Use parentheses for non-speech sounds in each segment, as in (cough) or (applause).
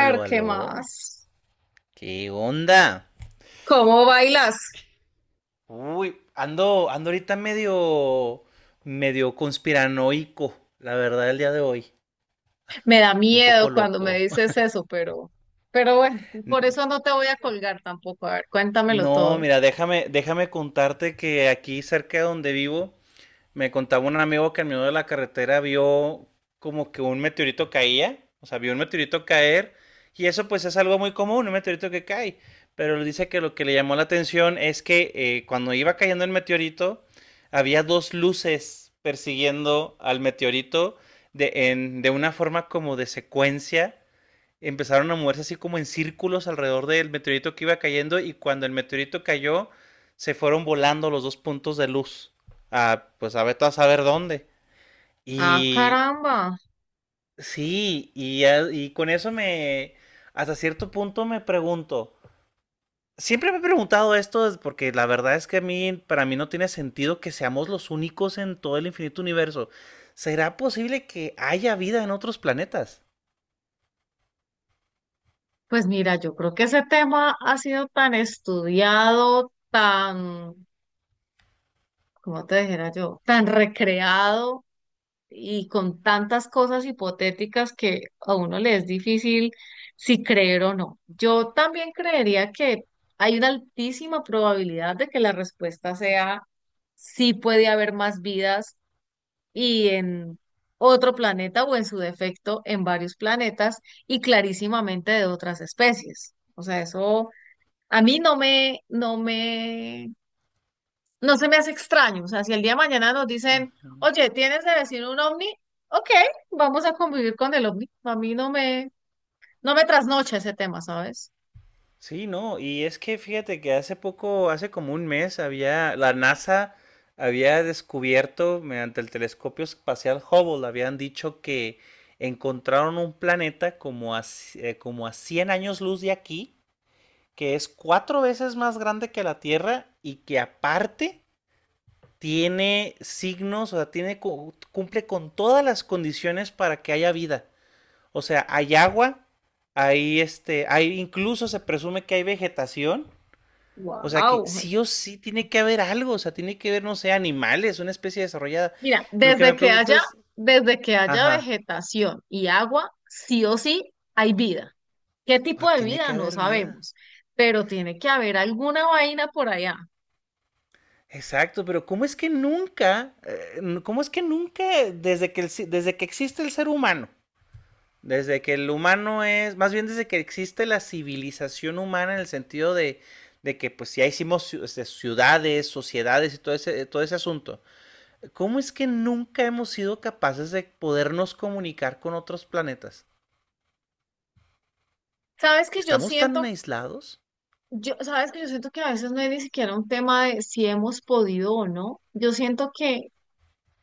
Aló, ¿qué aló. más? ¿Qué onda? ¿Cómo bailas? Uy, ando ahorita medio conspiranoico, la verdad, el día de hoy. Me da Un miedo poco cuando me loco. dices eso, pero bueno, por eso (laughs) no te voy a colgar tampoco. A ver, cuéntamelo No, todo. mira, déjame contarte que aquí cerca de donde vivo. Me contaba un amigo que en medio de la carretera vio como que un meteorito caía, o sea, vio un meteorito caer, y eso pues es algo muy común, un meteorito que cae, pero él dice que lo que le llamó la atención es que cuando iba cayendo el meteorito, había dos luces persiguiendo al meteorito de, en, de una forma como de secuencia. Empezaron a moverse así como en círculos alrededor del meteorito que iba cayendo, y cuando el meteorito cayó se fueron volando los dos puntos de luz a, pues a ver a saber dónde. Ah, Y caramba. sí, y con eso me, hasta cierto punto me pregunto, siempre me he preguntado esto porque la verdad es que a mí, para mí no tiene sentido que seamos los únicos en todo el infinito universo. ¿Será posible que haya vida en otros planetas? Pues mira, yo creo que ese tema ha sido tan estudiado, tan, ¿cómo te dijera yo? Tan recreado, y con tantas cosas hipotéticas que a uno le es difícil si creer o no. Yo también creería que hay una altísima probabilidad de que la respuesta sea sí, puede haber más vidas y en otro planeta o en su defecto en varios planetas y clarísimamente de otras especies. O sea, eso a mí no me, no me, no se me hace extraño. O sea, si el día de mañana nos Uh dicen, -huh. oye, ¿tienes de vecino un ovni? Ok, vamos a convivir con el ovni. A mí no me, no me trasnocha ese tema, ¿sabes? Sí, no, y es que fíjate que hace poco, hace como un mes, había, la NASA había descubierto mediante el telescopio espacial Hubble, habían dicho que encontraron un planeta como a, como a 100 años luz de aquí, que es cuatro veces más grande que la Tierra y que aparte tiene signos, o sea, tiene, cumple con todas las condiciones para que haya vida. O sea, hay agua, hay hay, incluso se presume que hay vegetación, o sea que Wow. sí o sí tiene que haber algo, o sea, tiene que haber, no sé, animales, una especie desarrollada. Mira, Lo que me pregunto es, desde que haya ajá, vegetación y agua, sí o sí hay vida. ¿Qué o sea, tipo de tiene que vida? No haber vida. sabemos, pero tiene que haber alguna vaina por allá. Exacto, pero ¿cómo es que nunca, cómo es que nunca, desde que existe el ser humano, desde que el humano es, más bien desde que existe la civilización humana en el sentido de que pues ya hicimos ciudades, sociedades y todo ese asunto, ¿cómo es que nunca hemos sido capaces de podernos comunicar con otros planetas? ¿Sabes que yo ¿Estamos tan siento, aislados? yo, sabes que yo siento que a veces no es ni siquiera un tema de si hemos podido o no? Yo siento que...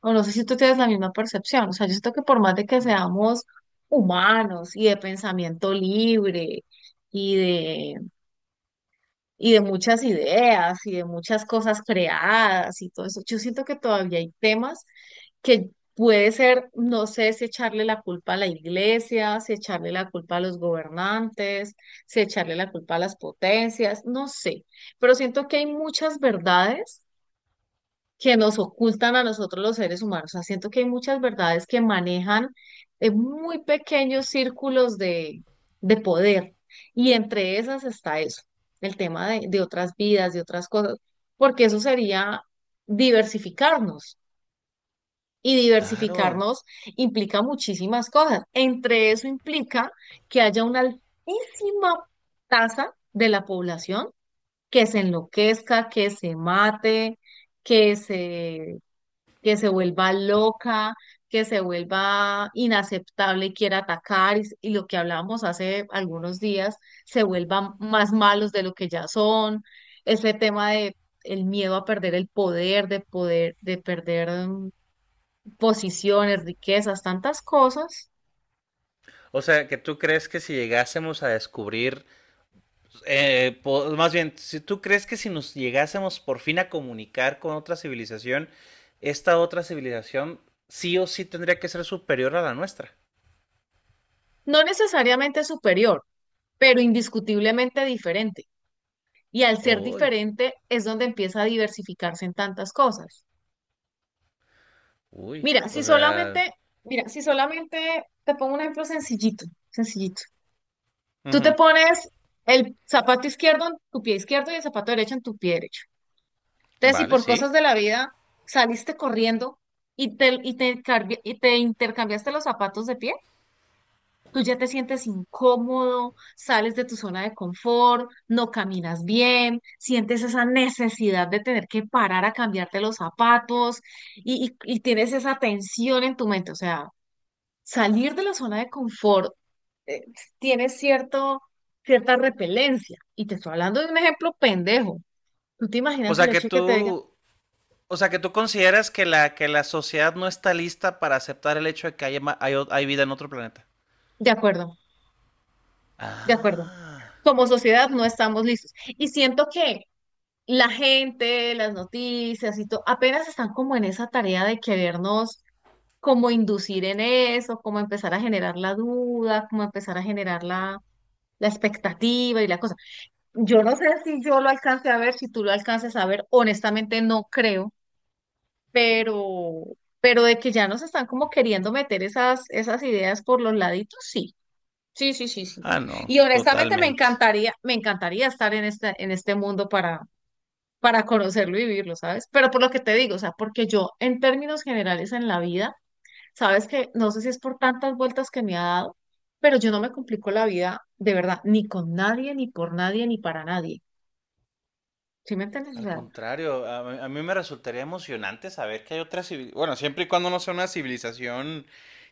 O no sé si tú tienes la misma percepción. O sea, yo siento que por más de que seamos humanos y de pensamiento libre y de, y de muchas ideas y de muchas cosas creadas y todo eso, yo siento que todavía hay temas que puede ser, no sé si echarle la culpa a la iglesia, si echarle la culpa a los gobernantes, si echarle la culpa a las potencias, no sé. Pero siento que hay muchas verdades que nos ocultan a nosotros los seres humanos. O sea, siento que hay muchas verdades que manejan muy pequeños círculos de poder, y entre esas está eso, el tema de otras vidas, de otras cosas, porque eso sería diversificarnos. Y Claro. diversificarnos implica muchísimas cosas. Entre eso implica que haya una altísima tasa de la población que se enloquezca, que se mate, que se, que se vuelva loca, que se vuelva inaceptable y quiera atacar, y, s- y lo que hablábamos hace algunos días, se vuelvan más malos de lo que ya son, ese tema de el miedo a perder el poder, de perder posiciones, riquezas, tantas cosas, O sea, ¿que tú crees que si llegásemos a descubrir, más bien, si tú crees que si nos llegásemos por fin a comunicar con otra civilización, esta otra civilización sí o sí tendría que ser superior a la nuestra? no necesariamente superior, pero indiscutiblemente diferente. Y al ser Uy, diferente es donde empieza a diversificarse en tantas cosas. uy, Mira, o si sea, solamente, mira, si solamente te pongo un ejemplo sencillito, sencillito. Tú te ujú, pones el zapato izquierdo en tu pie izquierdo y el zapato derecho en tu pie derecho. Entonces, si vale, por sí. cosas de la vida saliste corriendo y te, carbi- y te intercambiaste los zapatos de pie, tú ya te sientes incómodo, sales de tu zona de confort, no caminas bien, sientes esa necesidad de tener que parar a cambiarte los zapatos y tienes esa tensión en tu mente, o sea. Salir de la zona de confort eh, tiene cierto, cierta repelencia. Y te estoy hablando de un ejemplo pendejo. ¿Tú te O imaginas el sea que hecho de que te digan, tú, o sea que tú consideras que la sociedad no está lista para aceptar el hecho de que haya hay, hay vida en otro planeta. de acuerdo, de acuerdo, Ah. como sociedad no estamos listos? Y siento que la gente, las noticias y todo, apenas están como en esa tarea de querernos como inducir en eso, como empezar a generar la duda, como empezar a generar la, la expectativa y la cosa. Yo no sé si yo lo alcance a ver, si tú lo alcances a ver, honestamente no creo, pero, pero de que ya nos están como queriendo meter esas, esas ideas por los laditos, sí, sí, sí, sí, sí. Ah, no, Y honestamente totalmente. Me encantaría estar en este mundo para conocerlo y vivirlo, ¿sabes? Pero por lo que te digo, o sea, porque yo en términos generales en la vida, sabes que no sé si es por tantas vueltas que me ha dado, pero yo no me complico la vida de verdad, ni con nadie, ni por nadie, ni para nadie. ¿Sí me entiendes? O Al sea, contrario, a mí me resultaría emocionante saber que hay otra civilización. Bueno, siempre y cuando no sea una civilización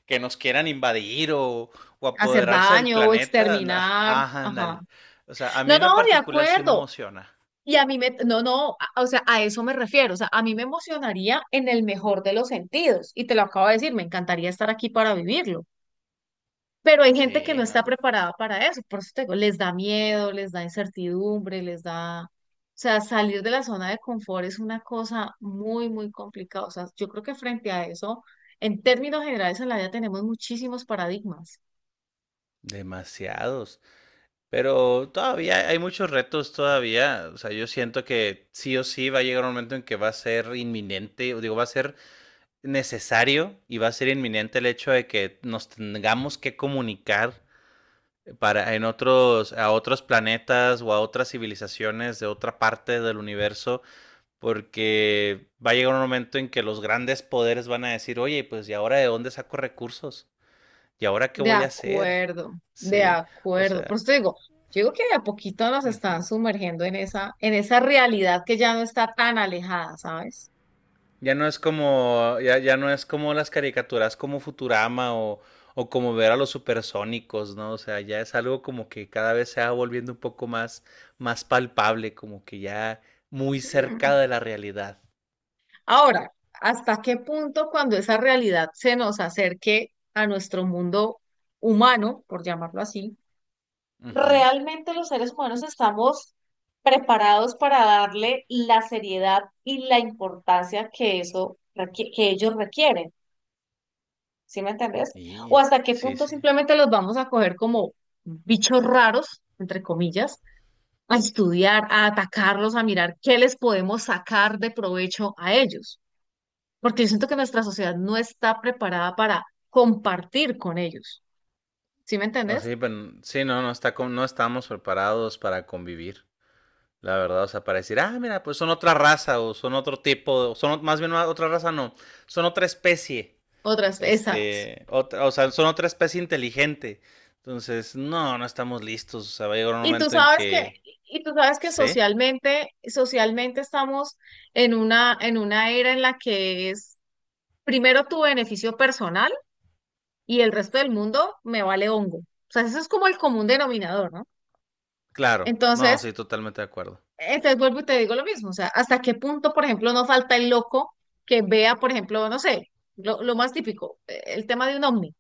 que nos quieran invadir o hacer apoderarse del daño o planeta. Exterminar. Ah, Ajá. ándale. O sea, a mí No, en no, lo de particular sí me acuerdo. emociona. Y a mí me, no, no, a- o sea, a eso me refiero. O sea, a mí me emocionaría en el mejor de los sentidos. Y te lo acabo de decir, me encantaría estar aquí para vivirlo. Pero hay gente que no Sí, está ¿no? preparada para eso. Por eso te digo, les da miedo, les da incertidumbre, les da... O sea, salir de la zona de confort es una cosa muy, muy complicada. O sea, yo creo que frente a eso, en términos generales en la vida tenemos muchísimos paradigmas. Demasiados. Pero todavía hay muchos retos todavía. O sea, yo siento que sí o sí va a llegar un momento en que va a ser inminente, o digo, va a ser necesario y va a ser inminente el hecho de que nos tengamos que comunicar para en otros, a otros planetas o a otras civilizaciones de otra parte del universo, porque va a llegar un momento en que los grandes poderes van a decir: "Oye, pues ¿y ahora de dónde saco recursos? ¿Y ahora qué De voy a hacer?". acuerdo, de Sí, o acuerdo. Por sea, eso te digo, yo digo que de a poquito nos uh están -huh. sumergiendo en esa realidad que ya no está tan alejada, ¿sabes? Ya no es como, ya no es como las caricaturas como Futurama o como ver a los supersónicos, ¿no? O sea, ya es algo como que cada vez se va volviendo un poco más, más palpable, como que ya muy cerca Mm. de la realidad. Ahora, ¿hasta qué punto cuando esa realidad se nos acerque a nuestro mundo humano, por llamarlo así, Ujú. realmente los seres humanos estamos preparados para darle la seriedad y la importancia que eso requi- que ellos requieren? ¿Sí me entendés? O Y hasta qué sí, punto sí. simplemente los vamos a coger como bichos raros, entre comillas, a estudiar, a atacarlos, a mirar qué les podemos sacar de provecho a ellos. Porque yo siento que nuestra sociedad no está preparada para compartir con ellos. ¿Sí me O entendés? sí, pero sí, no, no estamos preparados para convivir. La verdad, o sea, para decir, ah, mira, pues son otra raza, o son otro tipo, o son más bien no, otra raza, no, son otra especie. Otras, exacto. Este, otra, o sea, son otra especie inteligente. Entonces, no, no estamos listos. O sea, va a llegar un Y tú momento en sabes que, que. y tú sabes que ¿Sí? socialmente, socialmente estamos en una era en la que es primero tu beneficio personal y el resto del mundo me vale hongo. O sea, eso es como el común denominador, ¿no? Claro. No, Entonces, sí, totalmente de acuerdo. entonces vuelvo y te digo lo mismo, o sea, hasta qué punto, por ejemplo, no falta el loco que vea, por ejemplo, no sé, lo más típico, el tema de un ovni,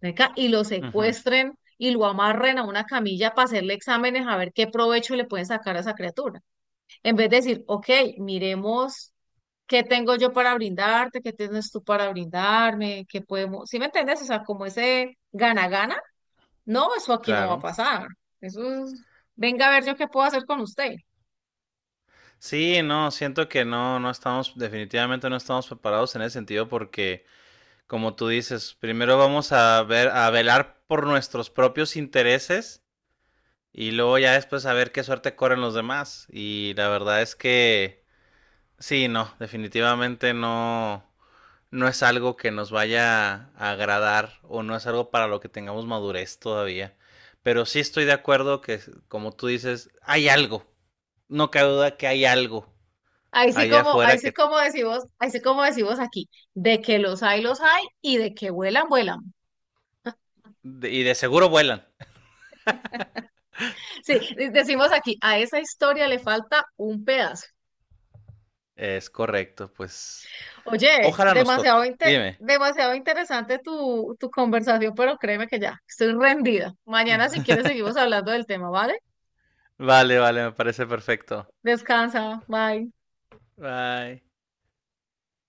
venga y lo Ujú, secuestren y lo amarren a una camilla para hacerle exámenes a ver qué provecho le pueden sacar a esa criatura. En vez de decir, ok, miremos qué tengo yo para brindarte, qué tienes tú para brindarme, qué podemos, ¿sí me entiendes? O sea, como ese gana-gana. No, eso aquí no va a claro. pasar. Eso es, venga a ver yo qué puedo hacer con usted. Sí, no, siento que no, no estamos, definitivamente no estamos preparados en ese sentido porque, como tú dices, primero vamos a ver, a velar por nuestros propios intereses y luego ya después a ver qué suerte corren los demás. Y la verdad es que, sí, no, definitivamente no, no es algo que nos vaya a agradar, o no es algo para lo que tengamos madurez todavía. Pero sí estoy de acuerdo que, como tú dices, hay algo. No cabe duda que hay algo allá Ahí afuera sí que... como decimos, ahí sí como decimos aquí, de que los hay, y de que vuelan, vuelan. y de seguro vuelan. Sí, de- decimos aquí, a esa historia le falta un pedazo. Es correcto, pues... Oye, Ojalá nos toque. demasiado, inte- Dime. demasiado interesante tu, tu conversación, pero créeme que ya, estoy rendida. Mañana si quieres seguimos hablando del tema, ¿vale? Vale, vale, me parece perfecto. Descansa, bye. Bye.